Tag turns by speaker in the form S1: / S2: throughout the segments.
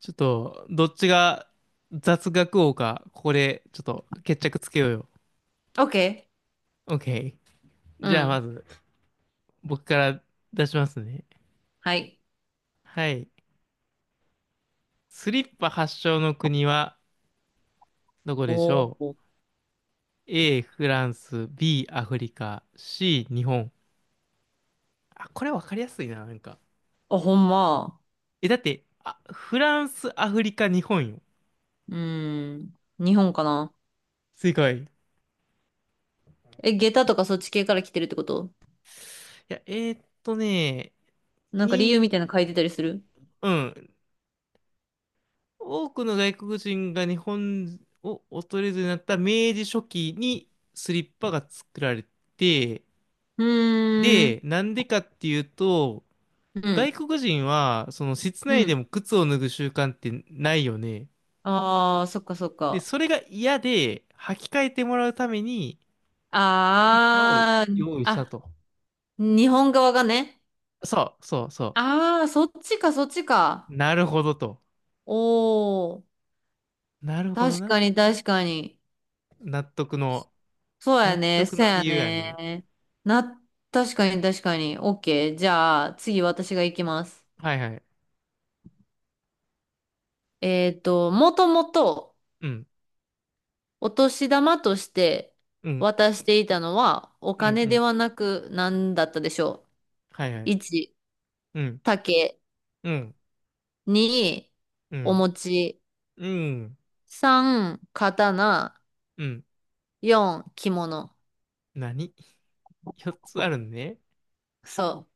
S1: ちょっと、どっちが雑学王か、ここでちょっと決着つけようよ。
S2: オッケ
S1: OK。
S2: ー。う
S1: じゃあま
S2: ん。
S1: ず、僕から出しますね。
S2: はい。
S1: はい。スリッパ発祥の国はどこでし
S2: お
S1: ょ
S2: お。
S1: う？ A、フランス、B、アフリカ、C、日本。あ、これわかりやすいな、なんか。
S2: あ、ほんま。
S1: え、だって、あ、フランス、アフリカ、日本よ。
S2: うん。日本かな。
S1: 正解。い
S2: え、下駄とかそっち系から来てるってこと？
S1: や、
S2: なんか理由
S1: に、
S2: みたいなの書いてたりする？
S1: うん。多くの外国人が日本を訪れずになった明治初期にスリッパが作られて、
S2: うー
S1: で、
S2: ん。
S1: なんでかっていうと、
S2: うん。
S1: 外国人はその室
S2: う
S1: 内で
S2: ん。
S1: も靴を脱ぐ習慣ってないよね。
S2: ああ、そっかそっ
S1: で、
S2: か。
S1: それが嫌で履き替えてもらうためにスリッパを
S2: ああ、
S1: 用意した
S2: あ、
S1: と。
S2: 日本側がね。
S1: そうそうそ
S2: ああ、そっちかそっち
S1: う。
S2: か。
S1: なるほどと。
S2: おお。
S1: なるほど
S2: 確
S1: な。
S2: かに確かに。
S1: 納得の、
S2: そう
S1: 納
S2: やね。
S1: 得
S2: そう
S1: の
S2: や
S1: 理由やね。
S2: ね。な、確かに確かに。オッケー。じゃあ、次私が行きます。
S1: はいはい。
S2: もともと
S1: うん、
S2: お年玉として
S1: うん、
S2: 渡していたのはお
S1: うん、
S2: 金
S1: う
S2: で
S1: ん。
S2: はなく何だったでしょ
S1: はいは
S2: う？
S1: い。
S2: 1、
S1: うん
S2: 竹。
S1: うん、
S2: 2、
S1: う
S2: お
S1: ん、
S2: 餅。
S1: うん、
S2: 3、刀。
S1: うん。
S2: 4、着物。
S1: 何？ 4 つあるね。
S2: そ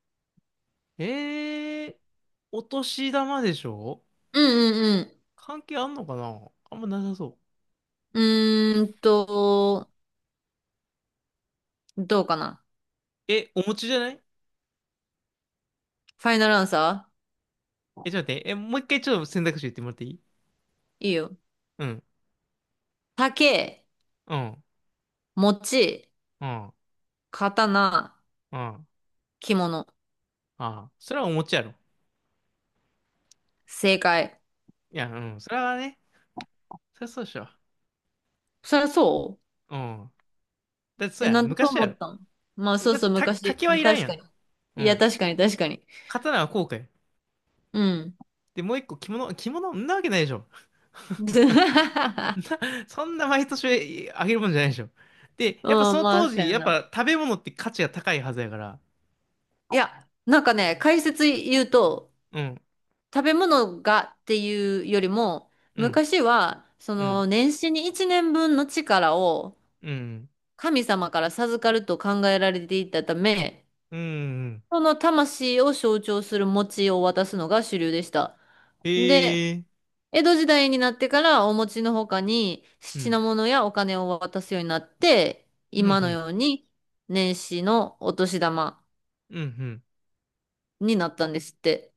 S1: えー、お年玉でしょ？
S2: う。うんうん
S1: 関係あんのかな？あんまなさそ
S2: うん。どうかな。
S1: う。え、お餅じゃない？
S2: ファイナルアンサ
S1: え、ちょっと待って。え、もう一回ちょっと選択肢言ってもらっていい？
S2: ー？いいよ。
S1: うん、
S2: 竹、
S1: うん、
S2: 餅、
S1: うん、
S2: 刀、
S1: うん。あ
S2: 着物。
S1: あ、それはお餅やろ。
S2: 正解。
S1: いや、うん、それはね、そりゃそうでしょ。
S2: そりゃそう。
S1: うん。だってそう
S2: え、
S1: やん、
S2: なんでそう
S1: 昔や
S2: 思った
S1: ろ。
S2: ん？まあそう
S1: だっ
S2: そう、
S1: て、
S2: 昔。
S1: 竹はいらん
S2: 確
S1: や
S2: か
S1: ん。
S2: に。
S1: う
S2: いや、
S1: ん。
S2: 確かに、確かに。
S1: 刀はこうかよ。
S2: うん。
S1: で、もう一個着物、着物んなわけないでしょ。
S2: ず
S1: そんな毎年あげるもんじゃないでしょ。で、
S2: う
S1: やっぱそ
S2: ん、
S1: の
S2: まあ、
S1: 当
S2: そう
S1: 時、
S2: や
S1: やっ
S2: な。
S1: ぱ食べ物って価値が高いはずやから。
S2: いや、なんかね、解説言うと、
S1: うん、
S2: 食べ物がっていうよりも、
S1: うん、
S2: 昔は、そ
S1: うん、
S2: の、年始に1年分の力を
S1: うん、
S2: 神様から授かると考えられていたため、
S1: うん、うん。
S2: その魂を象徴する餅を渡すのが主流でした。で、
S1: へえ、
S2: 江戸時代になってからお餅の他に
S1: う
S2: 品
S1: ん、
S2: 物やお金を渡すようになって、
S1: うん、
S2: 今
S1: う
S2: の
S1: ん、
S2: ように年始のお年玉
S1: うん、うん。
S2: になったんですって。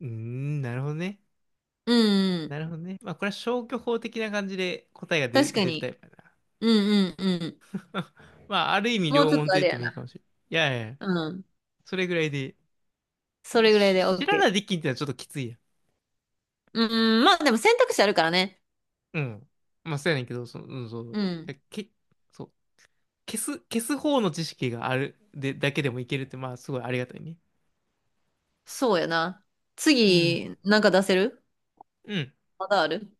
S1: うーん、なるほどね。
S2: うんう
S1: な
S2: ん。
S1: るほどね。まあ、これは消去法的な感じで答えが出、
S2: 確か
S1: 出るタ
S2: に。
S1: イプや
S2: うんうんうん。
S1: な。まあ、ある意味
S2: もう
S1: 両
S2: ちょっ
S1: 門と
S2: とあ
S1: 言っ
S2: れ
S1: て
S2: や
S1: もいいかも
S2: な。
S1: しれない。いやいや、
S2: うん。
S1: それぐらいで。
S2: それぐらいで
S1: 知らな
S2: OK。
S1: いできんってのはちょっときついやん。
S2: うんうん。まあでも選択肢あるからね。
S1: うん。まあ、そうやねんけど、その、うん、そう。
S2: うん。
S1: け、そう。消す方の知識があるで、だけでもいけるって、まあ、すごいありがたいね。
S2: そうやな。
S1: うん。
S2: 次、なんか出せる？
S1: うん。
S2: まだある？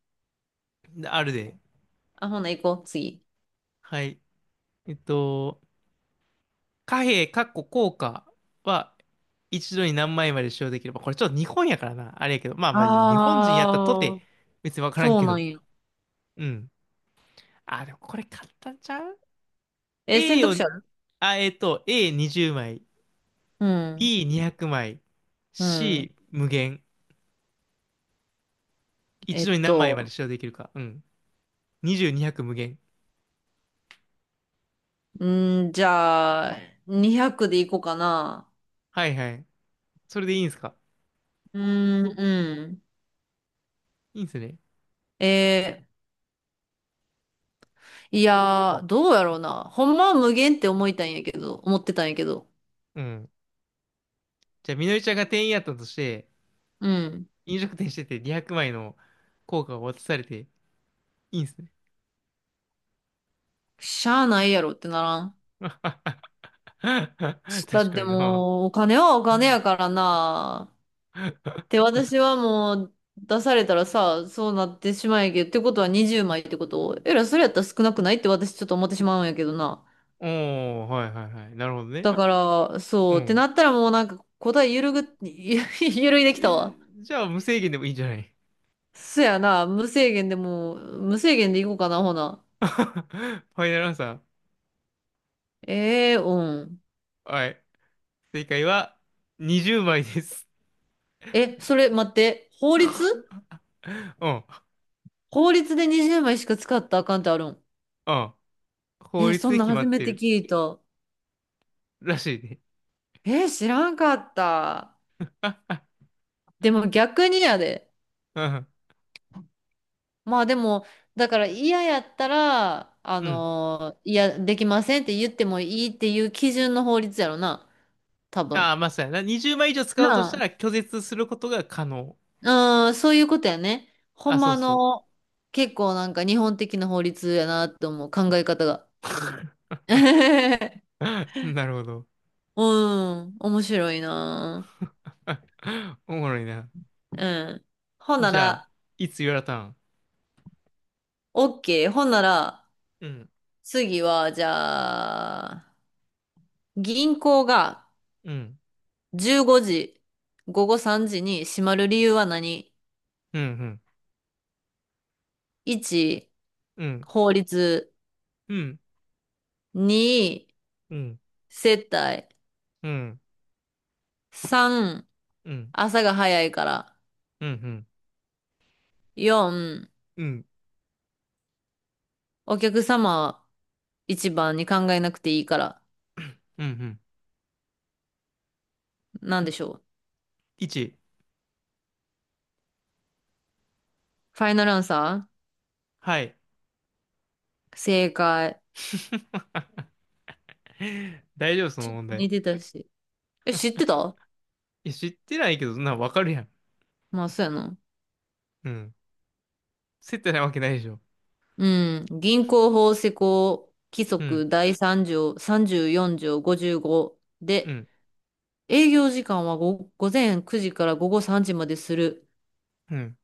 S1: であるで。
S2: あ、ほな行こう、次。
S1: はい。えっと、貨幣、かっこ硬貨は、一度に何枚まで使用できれば、これちょっと日本やからな。あれやけど、まあまあ、日本人やったとて、
S2: ああ、
S1: 別にわからん
S2: そう
S1: け
S2: なん
S1: ど。
S2: や。
S1: うん。あ、でもこれ簡単ちゃう
S2: え、選
S1: ?A
S2: 択
S1: を、
S2: 肢ある？
S1: あ、えっと、A20 枚、
S2: うん。
S1: B200 枚、
S2: うん。
S1: C 無限。
S2: え
S1: 一度
S2: っ
S1: に何枚まで
S2: と、
S1: 使用できるか。うん。20、200無限。
S2: じゃあ、200でいこうかな。
S1: はいはい。それでいいんすか？
S2: うーん、うん。
S1: いいんすね。
S2: えいやー、どうやろうな。ほんまは無限って思ってたんやけど。
S1: うん。じゃあ、みのりちゃんが店員やったとして、
S2: うん。
S1: 飲食店してて200枚の硬貨を渡されて、いいんすね。
S2: しゃあないやろってならん？
S1: 確か
S2: だって
S1: にな。
S2: もう、お金はお金やからな。って 私はもう、出されたらさ、そうなってしまうんやけど、ってことは20枚ってことえら、それやったら少なくないって私ちょっと思ってしまうんやけどな。
S1: おー、はいはいはい。なるほどね。
S2: だから、
S1: う
S2: そう、って
S1: ん。
S2: なったらもうなんか答えゆるぐ、ゆるいできたわ。
S1: じゃあ、無制限でもいいんじゃない？
S2: そやな、無制限でもう、無制限でいこうかな、ほな。
S1: ファイナルアンサ
S2: ええ、うん。
S1: ー。はい。正解は、20枚です。
S2: え、それ待って、法律
S1: うん、
S2: 法律で20枚しか使ったらあかんってあるん？
S1: うん。法
S2: え、
S1: 律
S2: そん
S1: で
S2: なん
S1: 決ま
S2: 初
S1: っ
S2: め
S1: て
S2: て
S1: る
S2: 聞いた。
S1: らしいね。
S2: え、知らんかった。でも逆にやで。
S1: う
S2: まあでも、だから嫌やったら、
S1: ん。
S2: いや、できませんって言ってもいいっていう基準の法律やろな、多
S1: あ
S2: 分。
S1: あ、まあそうやな。20枚以上使おうとした
S2: な
S1: ら拒絶することが可能。
S2: うん、そういうことやね。ほ
S1: あ、
S2: ん
S1: そう
S2: ま
S1: そ
S2: の、結構なんか日本的な法律やなって思う考え方が。
S1: う。なるほど。
S2: うん、面白いな。
S1: おもろいな。
S2: うん。ほんな
S1: じゃあ、
S2: ら、
S1: いつ言われたん？
S2: OK。ほんなら、
S1: うん、
S2: 次は、じゃあ、銀行が
S1: うん、
S2: 15時、午後3時に閉まる理由は何？
S1: うん、
S2: 1、
S1: うん、うん、
S2: 法律。
S1: うん、
S2: 2、
S1: うん、
S2: 接待。
S1: うん、
S2: 3、
S1: うん、う
S2: 朝が早いから。
S1: ん、
S2: 4、
S1: うん、
S2: お客様一番に考えなくていいから。
S1: うん、
S2: なんでしょう。
S1: 1、
S2: ファイナルアンサ
S1: はい。
S2: ー？正解。
S1: 大丈夫、その
S2: ちょっと
S1: 問題。
S2: 似てたし。え、知ってた？
S1: いや、知ってないけど、な、わかるやん。
S2: まあ、そうやな。
S1: うん。接待ないわけないでしょ。
S2: うん。銀行法施行規
S1: うん、
S2: 則第3条、34条55
S1: う
S2: で、
S1: ん、
S2: 営業時間は午前9時から午後3時までする
S1: うん。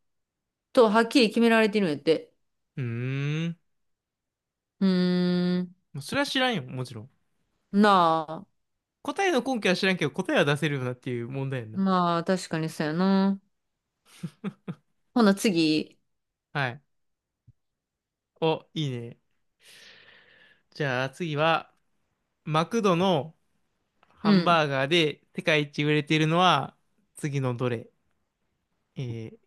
S2: と、はっきり決められてるんやって。
S1: うーん。
S2: うーん。
S1: もうそれは知らんよ、もちろん。
S2: なあ。
S1: 答えの根拠は知らんけど、答えは出せるよなっていう問題やんな。
S2: まあ、確かにそうやな。ほな、次。
S1: はい。お、いいね。じゃあ次は、マクドのハ
S2: う
S1: ン
S2: ん。
S1: バーガーで世界一売れているのは、次のどれ？えー、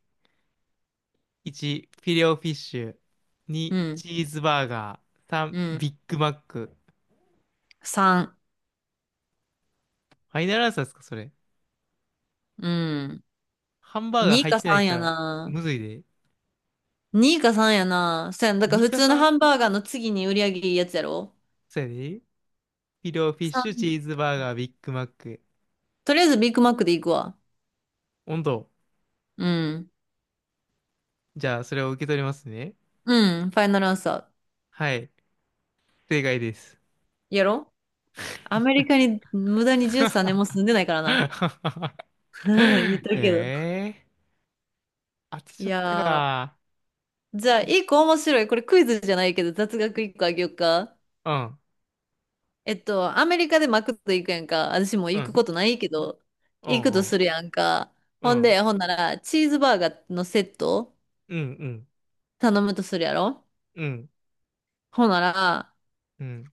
S1: 1、フィレオフィッシュ。
S2: う
S1: 2、
S2: ん。
S1: チーズバーガー。
S2: う
S1: 3、
S2: ん。
S1: ビッグマック。
S2: 3。
S1: ファイナルアンサーですか、それ。
S2: うん。
S1: ハンバーガー
S2: 2
S1: 入っ
S2: か
S1: てない
S2: 3
S1: か
S2: や
S1: ら、
S2: な。
S1: むずいで。
S2: 2か3やな。そうやん。だから
S1: 2
S2: 普
S1: か
S2: 通のハ
S1: 3？
S2: ンバーガーの次に売り上げいいやつやろ？
S1: そうやで。フィレオフィッ
S2: 3。
S1: シュ、
S2: さ
S1: チ
S2: ん、
S1: ーズバーガー、ビッグマック。
S2: とりあえずビッグマックで行くわ。
S1: 温度。
S2: うん。
S1: じゃあ、それを受け取りますね。
S2: うん。ファイナルアンサ
S1: はい。正解です。
S2: ー。やろ？アメリカに無駄に13年も 住んでないからな。言っ
S1: え
S2: たけど。
S1: えー当て
S2: い
S1: ちゃった
S2: やー。
S1: か。
S2: じゃあ、一個面白い。これクイズじゃないけど、雑学一個あげようか。
S1: うん、
S2: アメリカでマクド行くやんか。私も
S1: う
S2: 行く
S1: ん、
S2: ことないけど、
S1: う
S2: 行くと
S1: ん、
S2: するやんか。
S1: うん、
S2: ほ
S1: う
S2: ん
S1: ん、
S2: で、ほんなら、チーズバーガーのセット
S1: うん、う
S2: 頼むとするやろ？
S1: ん、
S2: ほなら、
S1: うん、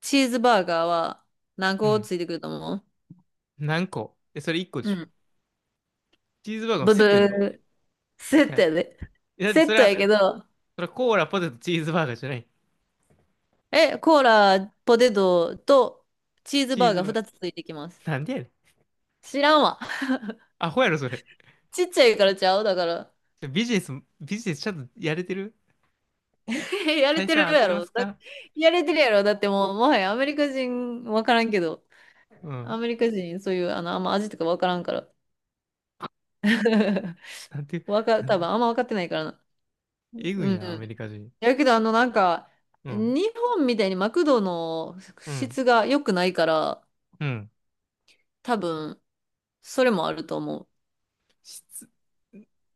S2: チーズバーガーは何
S1: う
S2: 個
S1: ん。
S2: ついてくると思
S1: 何個？え、それ1個で
S2: う？う
S1: しょ？
S2: ん。
S1: チーズバーガーの
S2: ブ
S1: セ
S2: ブ
S1: ットでしょ？
S2: ー。
S1: い
S2: セッ
S1: や、
S2: トやで。
S1: だって
S2: セ
S1: そ
S2: ッ
S1: れ
S2: ト
S1: は、
S2: やけど、
S1: それはコーラ、ポテト、チーズバーガーじゃない。
S2: え、コーラ、ポテトとチーズ
S1: チ
S2: バ
S1: ー
S2: ー
S1: ズ
S2: ガー
S1: バーガ
S2: 2つついてきます。
S1: ー。なんでやねん。
S2: 知らんわ。
S1: アホやろ、それ。
S2: ちっちゃいからちゃうだから。
S1: ビジネス、ビジネスちゃんとやれてる？
S2: やれ
S1: 大
S2: て
S1: 佐
S2: る
S1: 合っ
S2: や
S1: てま
S2: ろ。
S1: すか？
S2: やれてるやろ。だってもう、もはやアメリカ人わからんけど、
S1: う
S2: ア
S1: ん。
S2: メリカ人そういう、あんま味とかわからんから。
S1: なんて、なん
S2: 多
S1: で、
S2: 分あんま分かってないからな。
S1: えぐ
S2: う
S1: いな、ア
S2: ん。
S1: メリカ人。
S2: やけど、なんか、
S1: うん、
S2: 日本みたいにマクドの
S1: うん、
S2: 質が良くないから、
S1: うん。
S2: 多分、それもあると思
S1: 質？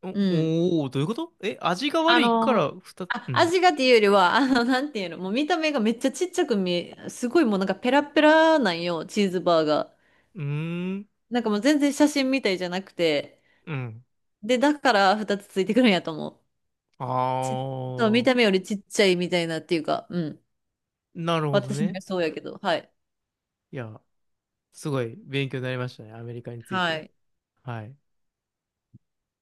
S1: お、
S2: う。うん。
S1: おー、どういうこと？え、味が
S2: あ
S1: 悪いか
S2: の、
S1: らふた、
S2: あ、
S1: うん。
S2: 味がっていうよりは、なんていうの、もう見た目がめっちゃちっちゃく見え、すごいもうなんかペラペラなんよ、チーズバーが。
S1: うーん。
S2: なんかもう全然写真みたいじゃなくて。
S1: うん。
S2: で、だから2つついてくるんやと思う。ち、そう、見
S1: ああ、
S2: た目よりちっちゃいみたいなっていうか、うん。
S1: なるほど
S2: 私の
S1: ね。
S2: 予想やけど、はい。
S1: いや、すごい勉強になりましたね。アメリカについ
S2: は
S1: て。
S2: い。
S1: はい。